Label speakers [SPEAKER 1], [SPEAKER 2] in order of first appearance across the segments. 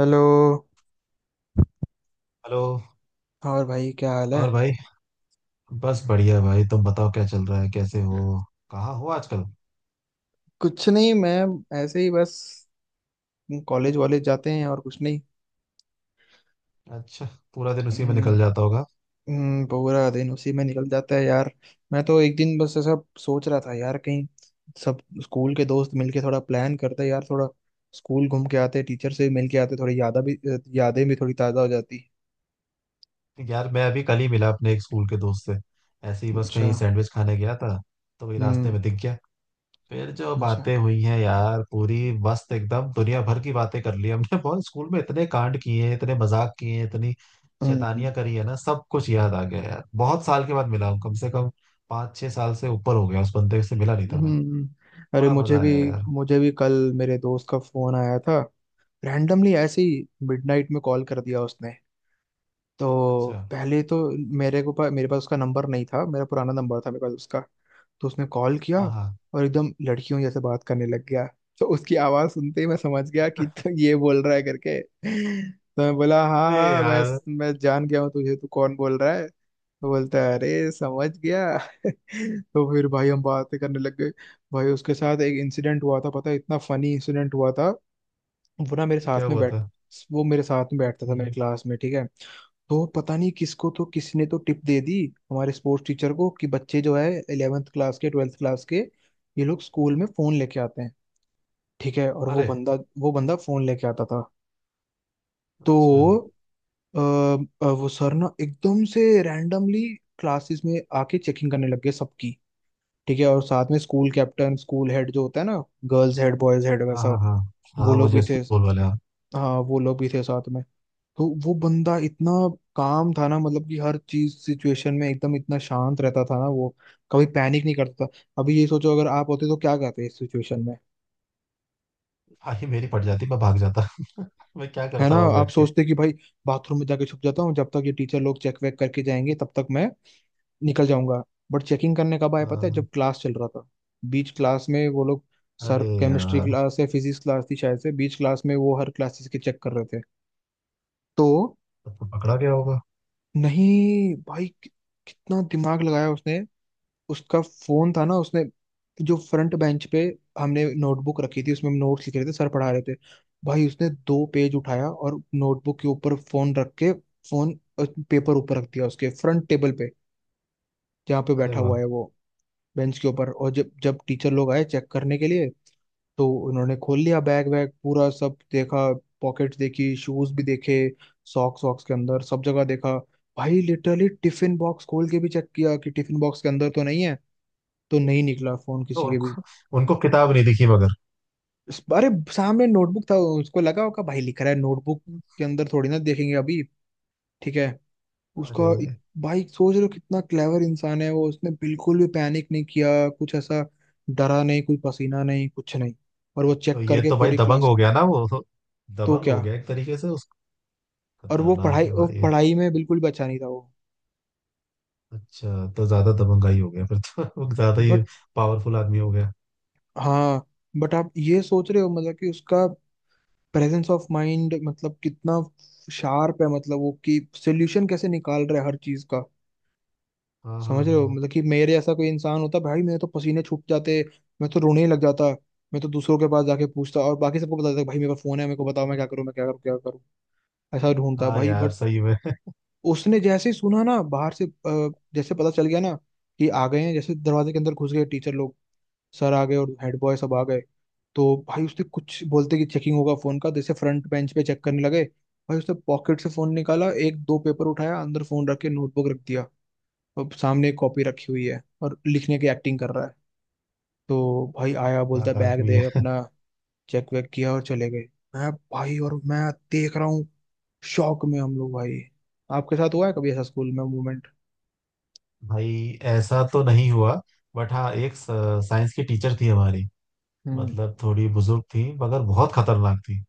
[SPEAKER 1] Hello.
[SPEAKER 2] Hello.
[SPEAKER 1] और भाई क्या हाल है।
[SPEAKER 2] और भाई। बस बढ़िया भाई, तुम बताओ क्या चल रहा है, कैसे हो, कहाँ हो आजकल?
[SPEAKER 1] कुछ नहीं, मैं ऐसे ही बस कॉलेज वॉलेज जाते हैं और कुछ नहीं।
[SPEAKER 2] अच्छा। पूरा दिन उसी में
[SPEAKER 1] हम्म,
[SPEAKER 2] निकल जाता होगा।
[SPEAKER 1] पूरा दिन उसी में निकल जाता है यार। मैं तो एक दिन बस ऐसा सोच रहा था यार, कहीं सब स्कूल के दोस्त मिलके थोड़ा प्लान करते यार, थोड़ा स्कूल घूम के आते, टीचर से मिल के आते, थोड़ी यादा भी यादें भी थोड़ी ताज़ा हो जाती।
[SPEAKER 2] यार मैं अभी कल ही मिला अपने एक स्कूल के दोस्त से। ऐसे ही बस
[SPEAKER 1] अच्छा।
[SPEAKER 2] कहीं सैंडविच खाने गया था। तो वही रास्ते
[SPEAKER 1] हम्म।
[SPEAKER 2] में दिख गया। फिर जो
[SPEAKER 1] अच्छा।
[SPEAKER 2] बातें हुई हैं यार पूरी मस्त, एकदम दुनिया भर की बातें कर ली हमने। बहुत स्कूल में इतने कांड किए हैं, इतने मजाक किए हैं, इतनी
[SPEAKER 1] हम्म।
[SPEAKER 2] शैतानियां करी है ना, सब कुछ याद आ गया यार। बहुत साल के बाद मिला हूँ, कम से कम 5-6 साल से ऊपर हो गया उस बंदे से, मिला नहीं
[SPEAKER 1] हम्म।
[SPEAKER 2] था मैं।
[SPEAKER 1] हम्म। अरे
[SPEAKER 2] बड़ा मजा आया यार।
[SPEAKER 1] मुझे भी कल मेरे दोस्त का फोन आया था, रैंडमली ऐसे ही। मिडनाइट में कॉल कर दिया उसने। तो
[SPEAKER 2] अच्छा।
[SPEAKER 1] पहले तो मेरे पास उसका नंबर नहीं था, मेरा पुराना नंबर था मेरे पास उसका। तो उसने कॉल किया
[SPEAKER 2] हाँ हाँ।
[SPEAKER 1] और एकदम लड़कियों जैसे बात करने लग गया। तो उसकी आवाज़ सुनते ही मैं समझ गया कि तो ये बोल रहा है करके, तो मैं बोला हाँ
[SPEAKER 2] अरे
[SPEAKER 1] हाँ, मैं
[SPEAKER 2] यार।
[SPEAKER 1] जान गया हूँ तुझे, तू कौन बोल रहा है। तो बोलता है अरे समझ गया। तो फिर भाई हम बातें करने लग गए। भाई उसके साथ एक इंसिडेंट हुआ था, पता है, इतना फनी इंसिडेंट हुआ था। वो ना मेरे
[SPEAKER 2] अच्छा,
[SPEAKER 1] साथ
[SPEAKER 2] क्या
[SPEAKER 1] में
[SPEAKER 2] हुआ
[SPEAKER 1] बैठ
[SPEAKER 2] था?
[SPEAKER 1] वो मेरे साथ में बैठता था, मेरे
[SPEAKER 2] हम्म।
[SPEAKER 1] क्लास में, ठीक है। तो पता नहीं किसको, तो किसी ने तो टिप दे दी हमारे स्पोर्ट्स टीचर को कि बच्चे जो है इलेवेंथ क्लास के, ट्वेल्थ क्लास के, ये लोग स्कूल में फोन लेके आते हैं, ठीक है। और वो
[SPEAKER 2] अरे।
[SPEAKER 1] बंदा, वो बंदा फोन लेके आता था।
[SPEAKER 2] अच्छा।
[SPEAKER 1] तो वो सर ना एकदम से रैंडमली क्लासेस में आके चेकिंग करने लग गए सबकी, ठीक है। और साथ में स्कूल कैप्टन, स्कूल हेड जो होता है ना, गर्ल्स हेड, बॉयज हेड,
[SPEAKER 2] हाँ
[SPEAKER 1] वैसा
[SPEAKER 2] हाँ हाँ
[SPEAKER 1] वो
[SPEAKER 2] हाँ,
[SPEAKER 1] लोग भी
[SPEAKER 2] मुझे
[SPEAKER 1] थे।
[SPEAKER 2] स्कूल वाले हाँ।
[SPEAKER 1] हाँ वो लोग भी थे साथ में। तो वो बंदा इतना काम था ना, मतलब कि हर चीज सिचुएशन में एकदम इतना शांत रहता था ना वो, कभी पैनिक नहीं करता था। अभी ये सोचो अगर आप होते तो क्या करते इस सिचुएशन में।
[SPEAKER 2] हाँ, ये मेरी पड़ जाती, मैं भाग जाता। मैं क्या
[SPEAKER 1] है
[SPEAKER 2] करता
[SPEAKER 1] ना,
[SPEAKER 2] हुआ
[SPEAKER 1] आप
[SPEAKER 2] बैठ के।
[SPEAKER 1] सोचते कि भाई बाथरूम में जाके छुप जाता हूँ, जब तक ये टीचर लोग चेक वेक करके जाएंगे तब तक मैं निकल जाऊंगा। बट चेकिंग करने कब आए पता है,
[SPEAKER 2] हाँ।
[SPEAKER 1] जब क्लास चल रहा था, बीच क्लास में वो लोग। सर
[SPEAKER 2] अरे
[SPEAKER 1] केमिस्ट्री
[SPEAKER 2] यार,
[SPEAKER 1] क्लास या फिजिक्स क्लास थी शायद से, बीच क्लास में वो हर क्लासेस के चेक कर रहे थे। तो
[SPEAKER 2] तब तो पकड़ा गया होगा।
[SPEAKER 1] नहीं भाई, कितना दिमाग लगाया उसने। उसका फोन था ना, उसने जो फ्रंट बेंच पे हमने नोटबुक रखी थी, उसमें हम नोट्स लिख रहे थे, सर पढ़ा रहे थे। भाई उसने दो पेज उठाया और नोटबुक के ऊपर फोन रख के, फोन पेपर ऊपर रख दिया उसके फ्रंट टेबल पे, जहाँ पे
[SPEAKER 2] अरे
[SPEAKER 1] बैठा हुआ
[SPEAKER 2] वाह।
[SPEAKER 1] है वो, बेंच के ऊपर। और जब जब टीचर लोग आए चेक करने के लिए, तो उन्होंने खोल लिया बैग वैग पूरा, सब देखा, पॉकेट्स देखी, शूज भी देखे, सॉक्स वॉक्स के अंदर सब जगह देखा। भाई लिटरली टिफिन बॉक्स खोल के भी चेक किया कि टिफिन बॉक्स के अंदर तो नहीं है। तो नहीं निकला फोन
[SPEAKER 2] तो
[SPEAKER 1] किसी के भी।
[SPEAKER 2] उनको उनको किताब नहीं दिखी मगर।
[SPEAKER 1] अरे सामने नोटबुक था, उसको लगा होगा भाई लिख रहा है, नोटबुक के अंदर थोड़ी ना देखेंगे अभी, ठीक है।
[SPEAKER 2] अरे।
[SPEAKER 1] उसका इत- भाई सोच रहे हो कितना क्लेवर इंसान है वो, उसने बिल्कुल भी पैनिक नहीं किया, कुछ ऐसा डरा नहीं, कोई पसीना नहीं, कुछ नहीं। और वो
[SPEAKER 2] तो
[SPEAKER 1] चेक
[SPEAKER 2] ये
[SPEAKER 1] करके
[SPEAKER 2] तो भाई
[SPEAKER 1] पूरी
[SPEAKER 2] दबंग
[SPEAKER 1] क्लास।
[SPEAKER 2] हो गया ना वो तो।
[SPEAKER 1] तो
[SPEAKER 2] दबंग हो
[SPEAKER 1] क्या,
[SPEAKER 2] गया एक तरीके से उस।
[SPEAKER 1] और
[SPEAKER 2] खतरनाक है
[SPEAKER 1] वो
[SPEAKER 2] भाई ये।
[SPEAKER 1] पढ़ाई में बिल्कुल भी अच्छा नहीं था वो।
[SPEAKER 2] अच्छा, तो ज्यादा दबंगाई हो गया फिर। तो ज्यादा ही
[SPEAKER 1] बट
[SPEAKER 2] पावरफुल आदमी हो गया।
[SPEAKER 1] हाँ, बट आप ये सोच रहे हो मतलब कि उसका प्रेजेंस ऑफ माइंड मतलब कितना शार्प है, मतलब वो कि सोल्यूशन कैसे निकाल रहा है हर चीज का।
[SPEAKER 2] हाँ
[SPEAKER 1] समझ
[SPEAKER 2] हाँ
[SPEAKER 1] रहे
[SPEAKER 2] हाँ।
[SPEAKER 1] हो मतलब कि मेरे जैसा कोई इंसान होता भाई, मेरे तो पसीने छूट जाते, मैं तो रोने ही लग जाता। मैं तो दूसरों के पास जाके पूछता और बाकी सबको बता देता, भाई मेरे पास फोन है, मेरे को बताओ मैं क्या करूँ, मैं क्या करूँ, क्या करूँ, ऐसा ढूंढता
[SPEAKER 2] हाँ
[SPEAKER 1] भाई।
[SPEAKER 2] यार
[SPEAKER 1] बट
[SPEAKER 2] सही में।
[SPEAKER 1] उसने जैसे ही सुना ना बाहर से, जैसे पता चल गया ना कि आ गए हैं, जैसे दरवाजे के अंदर घुस गए टीचर लोग, सर आ गए और हेड बॉय सब आ गए, तो भाई उसने कुछ बोलते कि चेकिंग होगा फोन का, जैसे फ्रंट बेंच पे चेक करने लगे, भाई उसने पॉकेट से फोन निकाला, एक दो पेपर उठाया, अंदर फोन रख के नोटबुक रख दिया। अब सामने एक कॉपी रखी हुई है और लिखने की एक्टिंग कर रहा है। तो भाई आया, बोलता
[SPEAKER 2] खतरनाक
[SPEAKER 1] बैग
[SPEAKER 2] आदमी
[SPEAKER 1] दे
[SPEAKER 2] है।
[SPEAKER 1] अपना, चेक वेक किया और चले गए। मैं भाई, और मैं देख रहा हूँ शौक में हम लोग भाई। आपके साथ हुआ है कभी ऐसा स्कूल में मोमेंट।
[SPEAKER 2] भाई ऐसा तो नहीं हुआ। बट हाँ एक साइंस की टीचर थी हमारी,
[SPEAKER 1] हम्म।
[SPEAKER 2] मतलब थोड़ी बुजुर्ग थी मगर बहुत खतरनाक थी।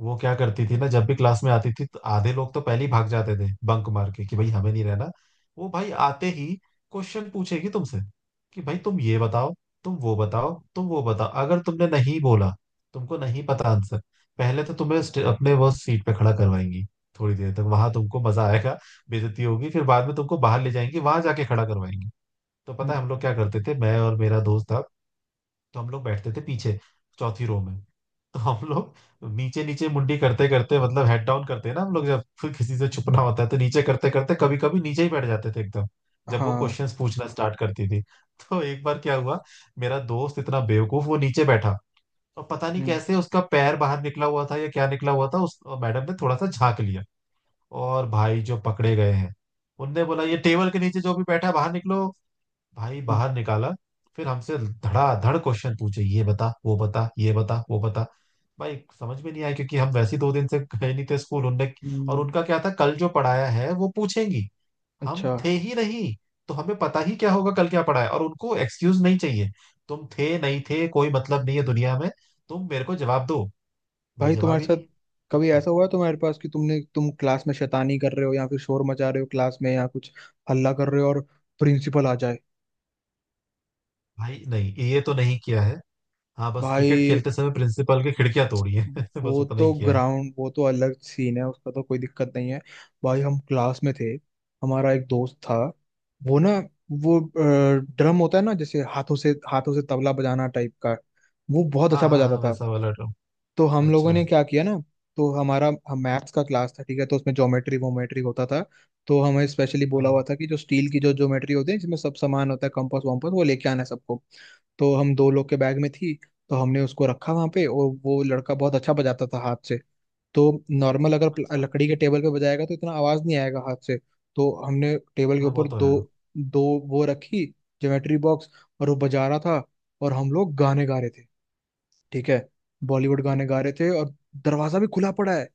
[SPEAKER 2] वो क्या करती थी ना, जब भी क्लास में आती थी तो आधे लोग तो पहले ही भाग जाते थे, बंक मार के कि भाई हमें नहीं रहना। वो भाई आते ही क्वेश्चन पूछेगी तुमसे, कि भाई तुम ये बताओ, तुम वो बताओ, तुम वो बताओ। अगर तुमने नहीं बोला, तुमको नहीं पता आंसर, पहले तो तुम्हें अपने वो सीट पे खड़ा करवाएंगी, थोड़ी देर तक वहां तुमको मजा आएगा, बेइज्जती होगी, फिर बाद में तुमको बाहर ले जाएंगे, वहां जाके खड़ा करवाएंगे। तो पता
[SPEAKER 1] हम्म।
[SPEAKER 2] है हम लोग क्या करते थे? मैं और मेरा दोस्त था, तो हम लोग बैठते थे पीछे चौथी रो में। तो हम लोग नीचे नीचे मुंडी करते करते, मतलब हेड डाउन करते हैं ना हम लोग, जब फिर किसी से छुपना होता है तो नीचे करते करते कभी कभी नीचे ही बैठ जाते थे एकदम, जब वो
[SPEAKER 1] हाँ।
[SPEAKER 2] क्वेश्चंस पूछना स्टार्ट करती थी। तो एक बार क्या हुआ, मेरा दोस्त इतना बेवकूफ वो नीचे बैठा, और पता नहीं
[SPEAKER 1] हम्म।
[SPEAKER 2] कैसे उसका पैर बाहर निकला हुआ था या क्या निकला हुआ था, उस मैडम ने थोड़ा सा झांक लिया, और भाई जो पकड़े गए हैं। उनने बोला ये टेबल के नीचे जो भी बैठा है, बाहर निकलो। भाई बाहर
[SPEAKER 1] हम्म।
[SPEAKER 2] निकाला, फिर हमसे धड़ाधड़ क्वेश्चन पूछे, ये बता वो बता ये बता वो बता, भाई समझ में नहीं आया, क्योंकि हम वैसे ही 2 दिन से गए नहीं थे स्कूल उनने। और
[SPEAKER 1] हम्म।
[SPEAKER 2] उनका क्या था, कल जो पढ़ाया है वो पूछेंगी, हम
[SPEAKER 1] अच्छा,
[SPEAKER 2] थे ही नहीं। तो हमें पता ही क्या होगा कल क्या पढ़ा है, और उनको एक्सक्यूज नहीं चाहिए। तुम थे नहीं थे कोई मतलब नहीं है दुनिया में, तुम मेरे को जवाब दो। भाई
[SPEAKER 1] भाई
[SPEAKER 2] जवाब
[SPEAKER 1] तुम्हारे
[SPEAKER 2] ही
[SPEAKER 1] साथ
[SPEAKER 2] नहीं है
[SPEAKER 1] कभी
[SPEAKER 2] कुछ।
[SPEAKER 1] ऐसा हुआ है तुम्हारे पास कि तुमने, तुम क्लास में शैतानी कर रहे हो या फिर शोर मचा रहे हो क्लास में या कुछ हल्ला कर रहे हो और प्रिंसिपल आ जाए।
[SPEAKER 2] भाई नहीं, ये तो नहीं किया है। हाँ बस क्रिकेट
[SPEAKER 1] भाई
[SPEAKER 2] खेलते समय प्रिंसिपल की खिड़कियां तोड़ी है। बस
[SPEAKER 1] वो
[SPEAKER 2] उतना
[SPEAKER 1] तो
[SPEAKER 2] ही किया है।
[SPEAKER 1] ग्राउंड, वो तो अलग सीन है उसका, तो कोई दिक्कत नहीं है। भाई हम क्लास में थे, हमारा एक दोस्त था, वो ना, वो ड्रम होता है ना जैसे, हाथों से, हाथों से तबला बजाना टाइप का, वो बहुत
[SPEAKER 2] हाँ
[SPEAKER 1] अच्छा
[SPEAKER 2] हाँ
[SPEAKER 1] बजाता
[SPEAKER 2] हाँ
[SPEAKER 1] था।
[SPEAKER 2] वैसा वाला।
[SPEAKER 1] तो हम लोगों
[SPEAKER 2] अच्छा।
[SPEAKER 1] ने क्या किया ना, तो हमारा, हम मैथ्स का क्लास था, ठीक है, तो उसमें ज्योमेट्री वोमेट्री होता था। तो हमें स्पेशली बोला हुआ
[SPEAKER 2] हाँ।
[SPEAKER 1] था कि जो स्टील की जो ज्योमेट्री होती है, जिसमें सब सामान होता है, कंपास वम्पास, वो लेके आना है सबको। तो हम दो लोग के बैग में थी, तो हमने उसको रखा वहां पे। और वो लड़का बहुत अच्छा बजाता था हाथ से, तो नॉर्मल अगर
[SPEAKER 2] अच्छा।
[SPEAKER 1] लकड़ी के टेबल पे बजाएगा तो इतना आवाज नहीं आएगा हाथ से। तो हमने टेबल के
[SPEAKER 2] हाँ वो
[SPEAKER 1] ऊपर
[SPEAKER 2] तो
[SPEAKER 1] दो,
[SPEAKER 2] है।
[SPEAKER 1] दो वो रखी, ज्योमेट्री बॉक्स, और वो बजा रहा था और हम लोग गाने गा रहे थे, ठीक है। बॉलीवुड गाने गा रहे थे और दरवाजा भी खुला पड़ा है।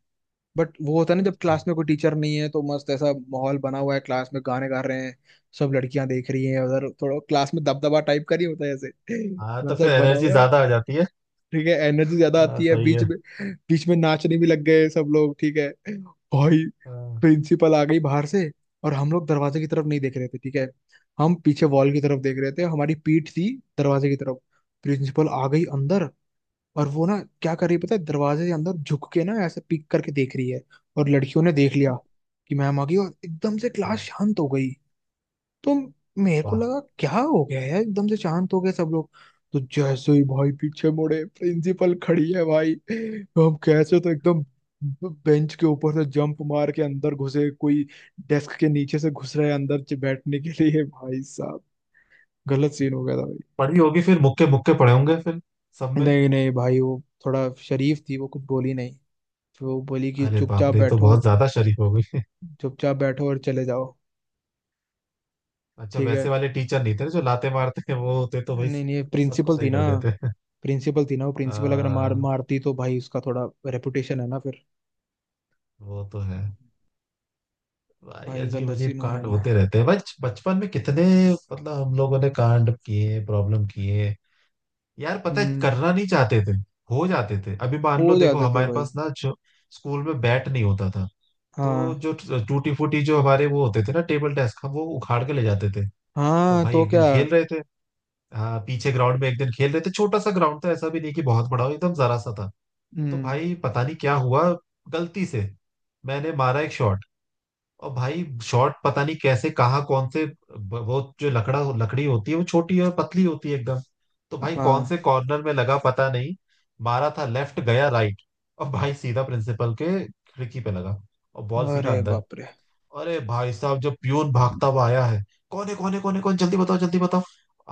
[SPEAKER 1] बट वो होता है ना जब
[SPEAKER 2] अच्छा।
[SPEAKER 1] क्लास में कोई टीचर नहीं है, तो मस्त ऐसा माहौल बना हुआ है, क्लास में गाने गा रहे हैं, सब लड़कियां देख रही हैं उधर, थोड़ा क्लास में दबदबा टाइप का नहीं होता है ऐसे,
[SPEAKER 2] हाँ तो
[SPEAKER 1] वैसा
[SPEAKER 2] फिर
[SPEAKER 1] बना
[SPEAKER 2] एनर्जी
[SPEAKER 1] हुआ है
[SPEAKER 2] ज्यादा आ जाती है।
[SPEAKER 1] ठीक है। एनर्जी ज्यादा
[SPEAKER 2] हाँ
[SPEAKER 1] आती है
[SPEAKER 2] सही
[SPEAKER 1] बीच
[SPEAKER 2] है।
[SPEAKER 1] में, बीच में नाचने भी लग गए सब लोग, ठीक है। भाई
[SPEAKER 2] हाँ।
[SPEAKER 1] प्रिंसिपल आ गई बाहर से, और हम लोग दरवाजे की तरफ नहीं देख रहे थे, ठीक है, हम पीछे वॉल की तरफ देख रहे थे, हमारी पीठ थी दरवाजे की तरफ। प्रिंसिपल आ गई अंदर, और वो ना क्या कर रही है पता है, दरवाजे के अंदर झुक के ना ऐसे पीक करके देख रही है। और लड़कियों ने देख लिया कि मैम आ गई, और एकदम से
[SPEAKER 2] ओ।
[SPEAKER 1] क्लास शांत हो गई। तो मेरे को
[SPEAKER 2] वाह।
[SPEAKER 1] लगा क्या हो गया यार एकदम से शांत हो गए सब लोग। तो जैसे ही भाई पीछे मुड़े, प्रिंसिपल खड़ी है भाई, तो हम कैसे तो एकदम बेंच के ऊपर से जंप मार के अंदर घुसे, कोई डेस्क के नीचे से घुस रहे अंदर, बैठने के लिए, भाई साहब गलत सीन हो गया था भाई।
[SPEAKER 2] पढ़ी होगी फिर, मुक्के मुक्के पड़े होंगे फिर सब में।
[SPEAKER 1] नहीं नहीं भाई, वो थोड़ा शरीफ थी, वो कुछ बोली नहीं। फिर वो बोली कि
[SPEAKER 2] अरे बाप
[SPEAKER 1] चुपचाप
[SPEAKER 2] रे, ये तो
[SPEAKER 1] बैठो,
[SPEAKER 2] बहुत ज्यादा शरीफ हो गई।
[SPEAKER 1] चुपचाप बैठो और चले जाओ,
[SPEAKER 2] अच्छा,
[SPEAKER 1] ठीक है।
[SPEAKER 2] वैसे वाले टीचर नहीं थे ना जो लाते मारते हैं, वो होते तो भाई
[SPEAKER 1] नहीं नहीं,
[SPEAKER 2] सबको
[SPEAKER 1] प्रिंसिपल थी
[SPEAKER 2] सही
[SPEAKER 1] ना,
[SPEAKER 2] कर देते।
[SPEAKER 1] प्रिंसिपल थी ना वो, प्रिंसिपल अगर मार
[SPEAKER 2] हाँ
[SPEAKER 1] मारती तो भाई उसका थोड़ा रेपुटेशन है ना फिर।
[SPEAKER 2] वो तो है। भाई
[SPEAKER 1] भाई
[SPEAKER 2] अजीब
[SPEAKER 1] गलत
[SPEAKER 2] अजीब
[SPEAKER 1] सीन हो
[SPEAKER 2] कांड
[SPEAKER 1] जाता है।
[SPEAKER 2] होते रहते हैं बच बचपन में कितने। मतलब हम लोगों ने कांड किए, प्रॉब्लम किए, यार पता है
[SPEAKER 1] हम्म।
[SPEAKER 2] करना नहीं चाहते थे, हो जाते थे। अभी मान
[SPEAKER 1] हो
[SPEAKER 2] लो देखो,
[SPEAKER 1] जाते थे
[SPEAKER 2] हमारे
[SPEAKER 1] भाई।
[SPEAKER 2] पास ना जो स्कूल में बैट नहीं होता था, तो
[SPEAKER 1] हाँ।
[SPEAKER 2] जो टूटी फूटी जो हमारे वो होते थे ना टेबल डेस्क, हम वो उखाड़ के ले जाते थे। तो
[SPEAKER 1] हाँ
[SPEAKER 2] भाई
[SPEAKER 1] तो
[SPEAKER 2] एक
[SPEAKER 1] क्या।
[SPEAKER 2] दिन खेल रहे थे, हाँ पीछे ग्राउंड में एक दिन खेल रहे थे, छोटा सा ग्राउंड था, ऐसा भी नहीं कि बहुत बड़ा हो, एकदम जरा सा था। तो
[SPEAKER 1] हम्म।
[SPEAKER 2] भाई पता नहीं क्या हुआ, गलती से मैंने मारा एक शॉट, और भाई शॉर्ट पता नहीं कैसे कहाँ कौन से, वो जो लकड़ा लकड़ी होती है वो छोटी और पतली होती है एकदम, तो भाई कौन
[SPEAKER 1] हाँ।
[SPEAKER 2] से कॉर्नर में लगा पता नहीं, मारा था लेफ्ट गया राइट, और भाई सीधा प्रिंसिपल के खिड़की पे लगा, और बॉल सीधा
[SPEAKER 1] अरे
[SPEAKER 2] अंदर।
[SPEAKER 1] बाप रे।
[SPEAKER 2] अरे भाई साहब, जब प्यून भागता हुआ आया है, कौन है कौन है कौन है कौन, जल्दी बताओ जल्दी बताओ।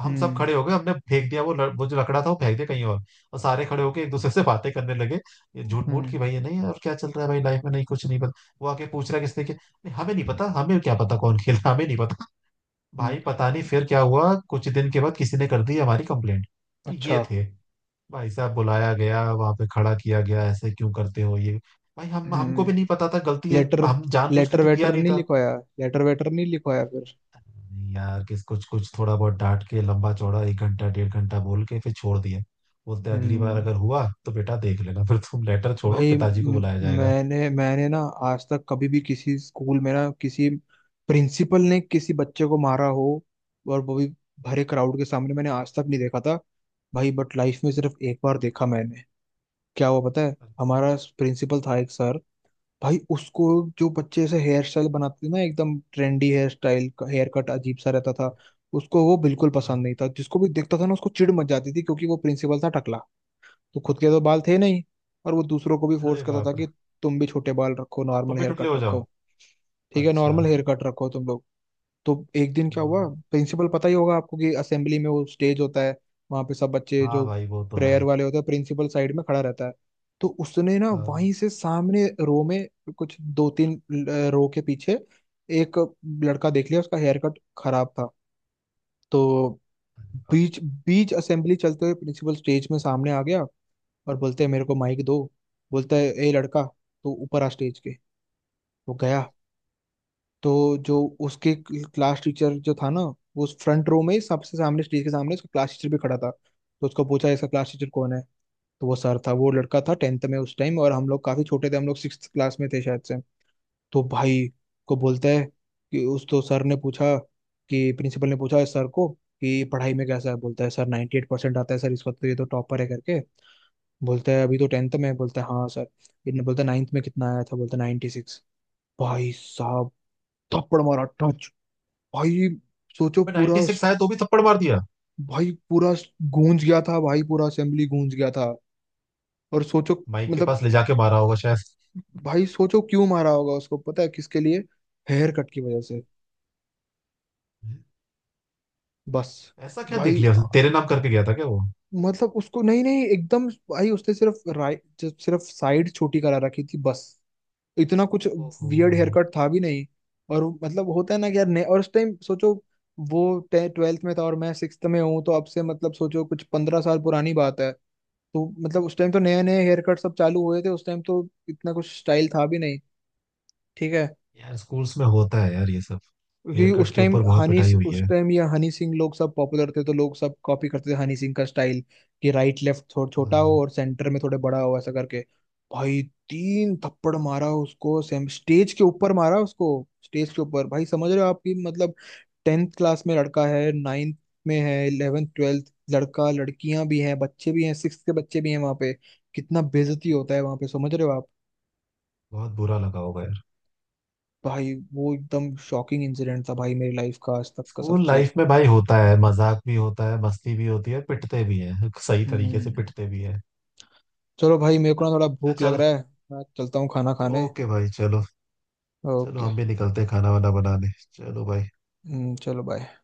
[SPEAKER 2] हम सब
[SPEAKER 1] हम्म।
[SPEAKER 2] खड़े हो गए, हमने फेंक दिया वो वो जो लकड़ा था वो फेंक दिया कहीं और सारे खड़े होके एक दूसरे से बातें करने लगे, ये झूठ मूठ की,
[SPEAKER 1] हम्म।
[SPEAKER 2] भाई ये नहीं है, और क्या चल रहा है भाई लाइफ में, नहीं कुछ नहीं पता। वो आके पूछ रहा है किसने किया, नहीं, हमें नहीं पता, हमें क्या पता कौन खेला, हमें नहीं पता।
[SPEAKER 1] हम्म।
[SPEAKER 2] भाई पता नहीं फिर क्या हुआ, कुछ दिन के बाद किसी ने कर दी हमारी कंप्लेंट, कि ये
[SPEAKER 1] अच्छा।
[SPEAKER 2] थे। भाई साहब बुलाया गया, वहां पे खड़ा किया गया, ऐसे क्यों करते हो ये। भाई हम हमको भी नहीं
[SPEAKER 1] हम्म।
[SPEAKER 2] पता था गलती है,
[SPEAKER 1] लेटर,
[SPEAKER 2] हम जानबूझ के
[SPEAKER 1] लेटर
[SPEAKER 2] तो किया
[SPEAKER 1] वेटर
[SPEAKER 2] नहीं
[SPEAKER 1] नहीं
[SPEAKER 2] था।
[SPEAKER 1] लिखवाया, लेटर वेटर नहीं लिखवाया फिर।
[SPEAKER 2] यार किस कुछ कुछ थोड़ा बहुत डांट के, लंबा चौड़ा 1 घंटा 1.5 घंटा बोल के फिर छोड़ दिया। बोलते अगली बार
[SPEAKER 1] हम्म।
[SPEAKER 2] अगर हुआ तो बेटा देख लेना, फिर तुम लेटर छोड़ो,
[SPEAKER 1] भाई
[SPEAKER 2] पिताजी को बुलाया जाएगा।
[SPEAKER 1] मैंने मैंने ना आज तक कभी भी किसी स्कूल में ना, किसी प्रिंसिपल ने किसी बच्चे को मारा हो, और वो भी भरे क्राउड के सामने, मैंने आज तक नहीं देखा था भाई। बट लाइफ में सिर्फ एक बार देखा मैंने। क्या हुआ पता है, हमारा प्रिंसिपल था एक सर, भाई उसको जो बच्चे ऐसे हेयर स्टाइल बनाते थे ना, एकदम trendy hair style, hair cut अजीब सा रहता था, उसको वो बिल्कुल
[SPEAKER 2] हाँ।
[SPEAKER 1] पसंद नहीं था। जिसको भी देखता था ना, उसको चिढ़ मच जाती थी, क्योंकि वो प्रिंसिपल था, तो खुद के तो बाल थे नहीं। और वो दूसरों को भी फोर्स
[SPEAKER 2] अरे
[SPEAKER 1] करता था
[SPEAKER 2] बाप रे।
[SPEAKER 1] कि तुम भी छोटे बाल रखो, नॉर्मल
[SPEAKER 2] तुम भी
[SPEAKER 1] हेयर
[SPEAKER 2] टुटले
[SPEAKER 1] कट
[SPEAKER 2] हो
[SPEAKER 1] रखो,
[SPEAKER 2] जाओ।
[SPEAKER 1] ठीक है,
[SPEAKER 2] अच्छा।
[SPEAKER 1] नॉर्मल हेयर कट रखो तुम लोग। तो एक दिन क्या हुआ,
[SPEAKER 2] हम्म।
[SPEAKER 1] प्रिंसिपल, पता ही होगा आपको कि असेंबली में वो स्टेज होता है, वहां पे सब बच्चे
[SPEAKER 2] हाँ
[SPEAKER 1] जो
[SPEAKER 2] भाई वो तो है।
[SPEAKER 1] प्रेयर वाले होते हैं, प्रिंसिपल साइड में खड़ा रहता है। तो उसने ना
[SPEAKER 2] हाँ
[SPEAKER 1] वहीं से सामने रो में, कुछ दो तीन रो के पीछे एक लड़का देख लिया, उसका हेयर कट खराब था। तो बीच बीच असेंबली चलते हुए प्रिंसिपल स्टेज में सामने आ गया, और बोलते हैं मेरे को माइक दो। बोलता है ए लड़का, तो ऊपर आ स्टेज के, वो गया। तो जो उसके क्लास टीचर जो था ना, वो उस फ्रंट रो में ही सबसे सामने स्टेज के सामने, उसका क्लास टीचर भी खड़ा था, तो उसको पूछा इसका क्लास टीचर कौन है। तो वो सर था, वो लड़का था टेंथ में उस टाइम, और हम लोग काफी छोटे थे, हम लोग सिक्स क्लास में थे शायद से। तो भाई को बोलता है कि उस, तो सर ने पूछा, कि प्रिंसिपल ने पूछा सर को कि पढ़ाई में कैसा है। बोलता है सर 98% एट परसेंट आता है सर इस वक्त, तो ये तो टॉपर है करके। बोलता है अभी तो टेंथ में है, बोलता है हाँ सर। इन्हें बोलता है नाइन्थ में कितना आया था, बोलता है 96 सिक्स। भाई साहब थप्पड़ मारा टच। भाई सोचो पूरा,
[SPEAKER 2] 96 आया तो भी थप्पड़ मार दिया।
[SPEAKER 1] भाई पूरा गूंज गया था भाई, पूरा असेंबली गूंज गया था। और सोचो
[SPEAKER 2] माइक के
[SPEAKER 1] मतलब,
[SPEAKER 2] पास ले जाके मारा होगा शायद।
[SPEAKER 1] भाई सोचो क्यों मारा होगा उसको पता है, किसके लिए, हेयर कट की वजह से, बस।
[SPEAKER 2] ऐसा क्या देख
[SPEAKER 1] भाई
[SPEAKER 2] लिया उसने? तेरे नाम करके गया था क्या वो?
[SPEAKER 1] मतलब उसको, नहीं नहीं एकदम, भाई उसने सिर्फ राइट, सिर्फ साइड छोटी करा रखी थी बस, इतना कुछ
[SPEAKER 2] ओहो।
[SPEAKER 1] वियर्ड हेयर कट था भी नहीं। और मतलब होता है ना कि और उस टाइम सोचो, वो ट्वेल्थ में था और मैं सिक्स्थ में हूँ, तो अब से मतलब सोचो कुछ 15 साल पुरानी बात है। तो मतलब उस टाइम तो नए नए हेयर कट सब चालू हुए थे, उस टाइम तो इतना कुछ स्टाइल था भी नहीं, ठीक है।
[SPEAKER 2] यार स्कूल्स में होता है यार ये सब,
[SPEAKER 1] क्योंकि
[SPEAKER 2] हेयर कट
[SPEAKER 1] उस
[SPEAKER 2] के
[SPEAKER 1] टाइम
[SPEAKER 2] ऊपर बहुत
[SPEAKER 1] हनी
[SPEAKER 2] पिटाई हुई
[SPEAKER 1] उस
[SPEAKER 2] है।
[SPEAKER 1] टाइम ये हनी सिंह लोग सब पॉपुलर थे, तो लोग सब कॉपी करते थे हनी सिंह का स्टाइल, कि राइट लेफ्ट थोड़ा छोटा हो
[SPEAKER 2] हाँ।
[SPEAKER 1] और सेंटर में थोड़े बड़ा हो ऐसा करके। भाई तीन थप्पड़ मारा उसको, सेम स्टेज के ऊपर मारा उसको, स्टेज के ऊपर भाई, समझ रहे हो आपकी मतलब, टेंथ क्लास में लड़का है, नाइन्थ में है, इलेवेंथ ट्वेल्थ लड़का लड़कियां भी हैं, बच्चे भी हैं, सिक्स के बच्चे भी हैं वहां पे, कितना बेइज्जती होता है वहां पे, समझ रहे हो आप।
[SPEAKER 2] बहुत बुरा लगा होगा यार।
[SPEAKER 1] भाई वो एकदम शॉकिंग इंसिडेंट था भाई, मेरी लाइफ का आज तक का
[SPEAKER 2] स्कूल
[SPEAKER 1] सबसे।
[SPEAKER 2] लाइफ में भाई होता है, मजाक भी होता है, मस्ती भी होती है, पिटते भी हैं। सही तरीके से
[SPEAKER 1] हम्म।
[SPEAKER 2] पिटते भी हैं।
[SPEAKER 1] चलो भाई, मेरे को ना थोड़ा
[SPEAKER 2] अच्छा
[SPEAKER 1] भूख लग
[SPEAKER 2] चल।
[SPEAKER 1] रहा है, मैं चलता हूँ खाना
[SPEAKER 2] तो
[SPEAKER 1] खाने।
[SPEAKER 2] ओके भाई चलो। चलो
[SPEAKER 1] ओके।
[SPEAKER 2] हम भी निकलते हैं खाना वाना बनाने, चलो भाई।
[SPEAKER 1] चलो बाय।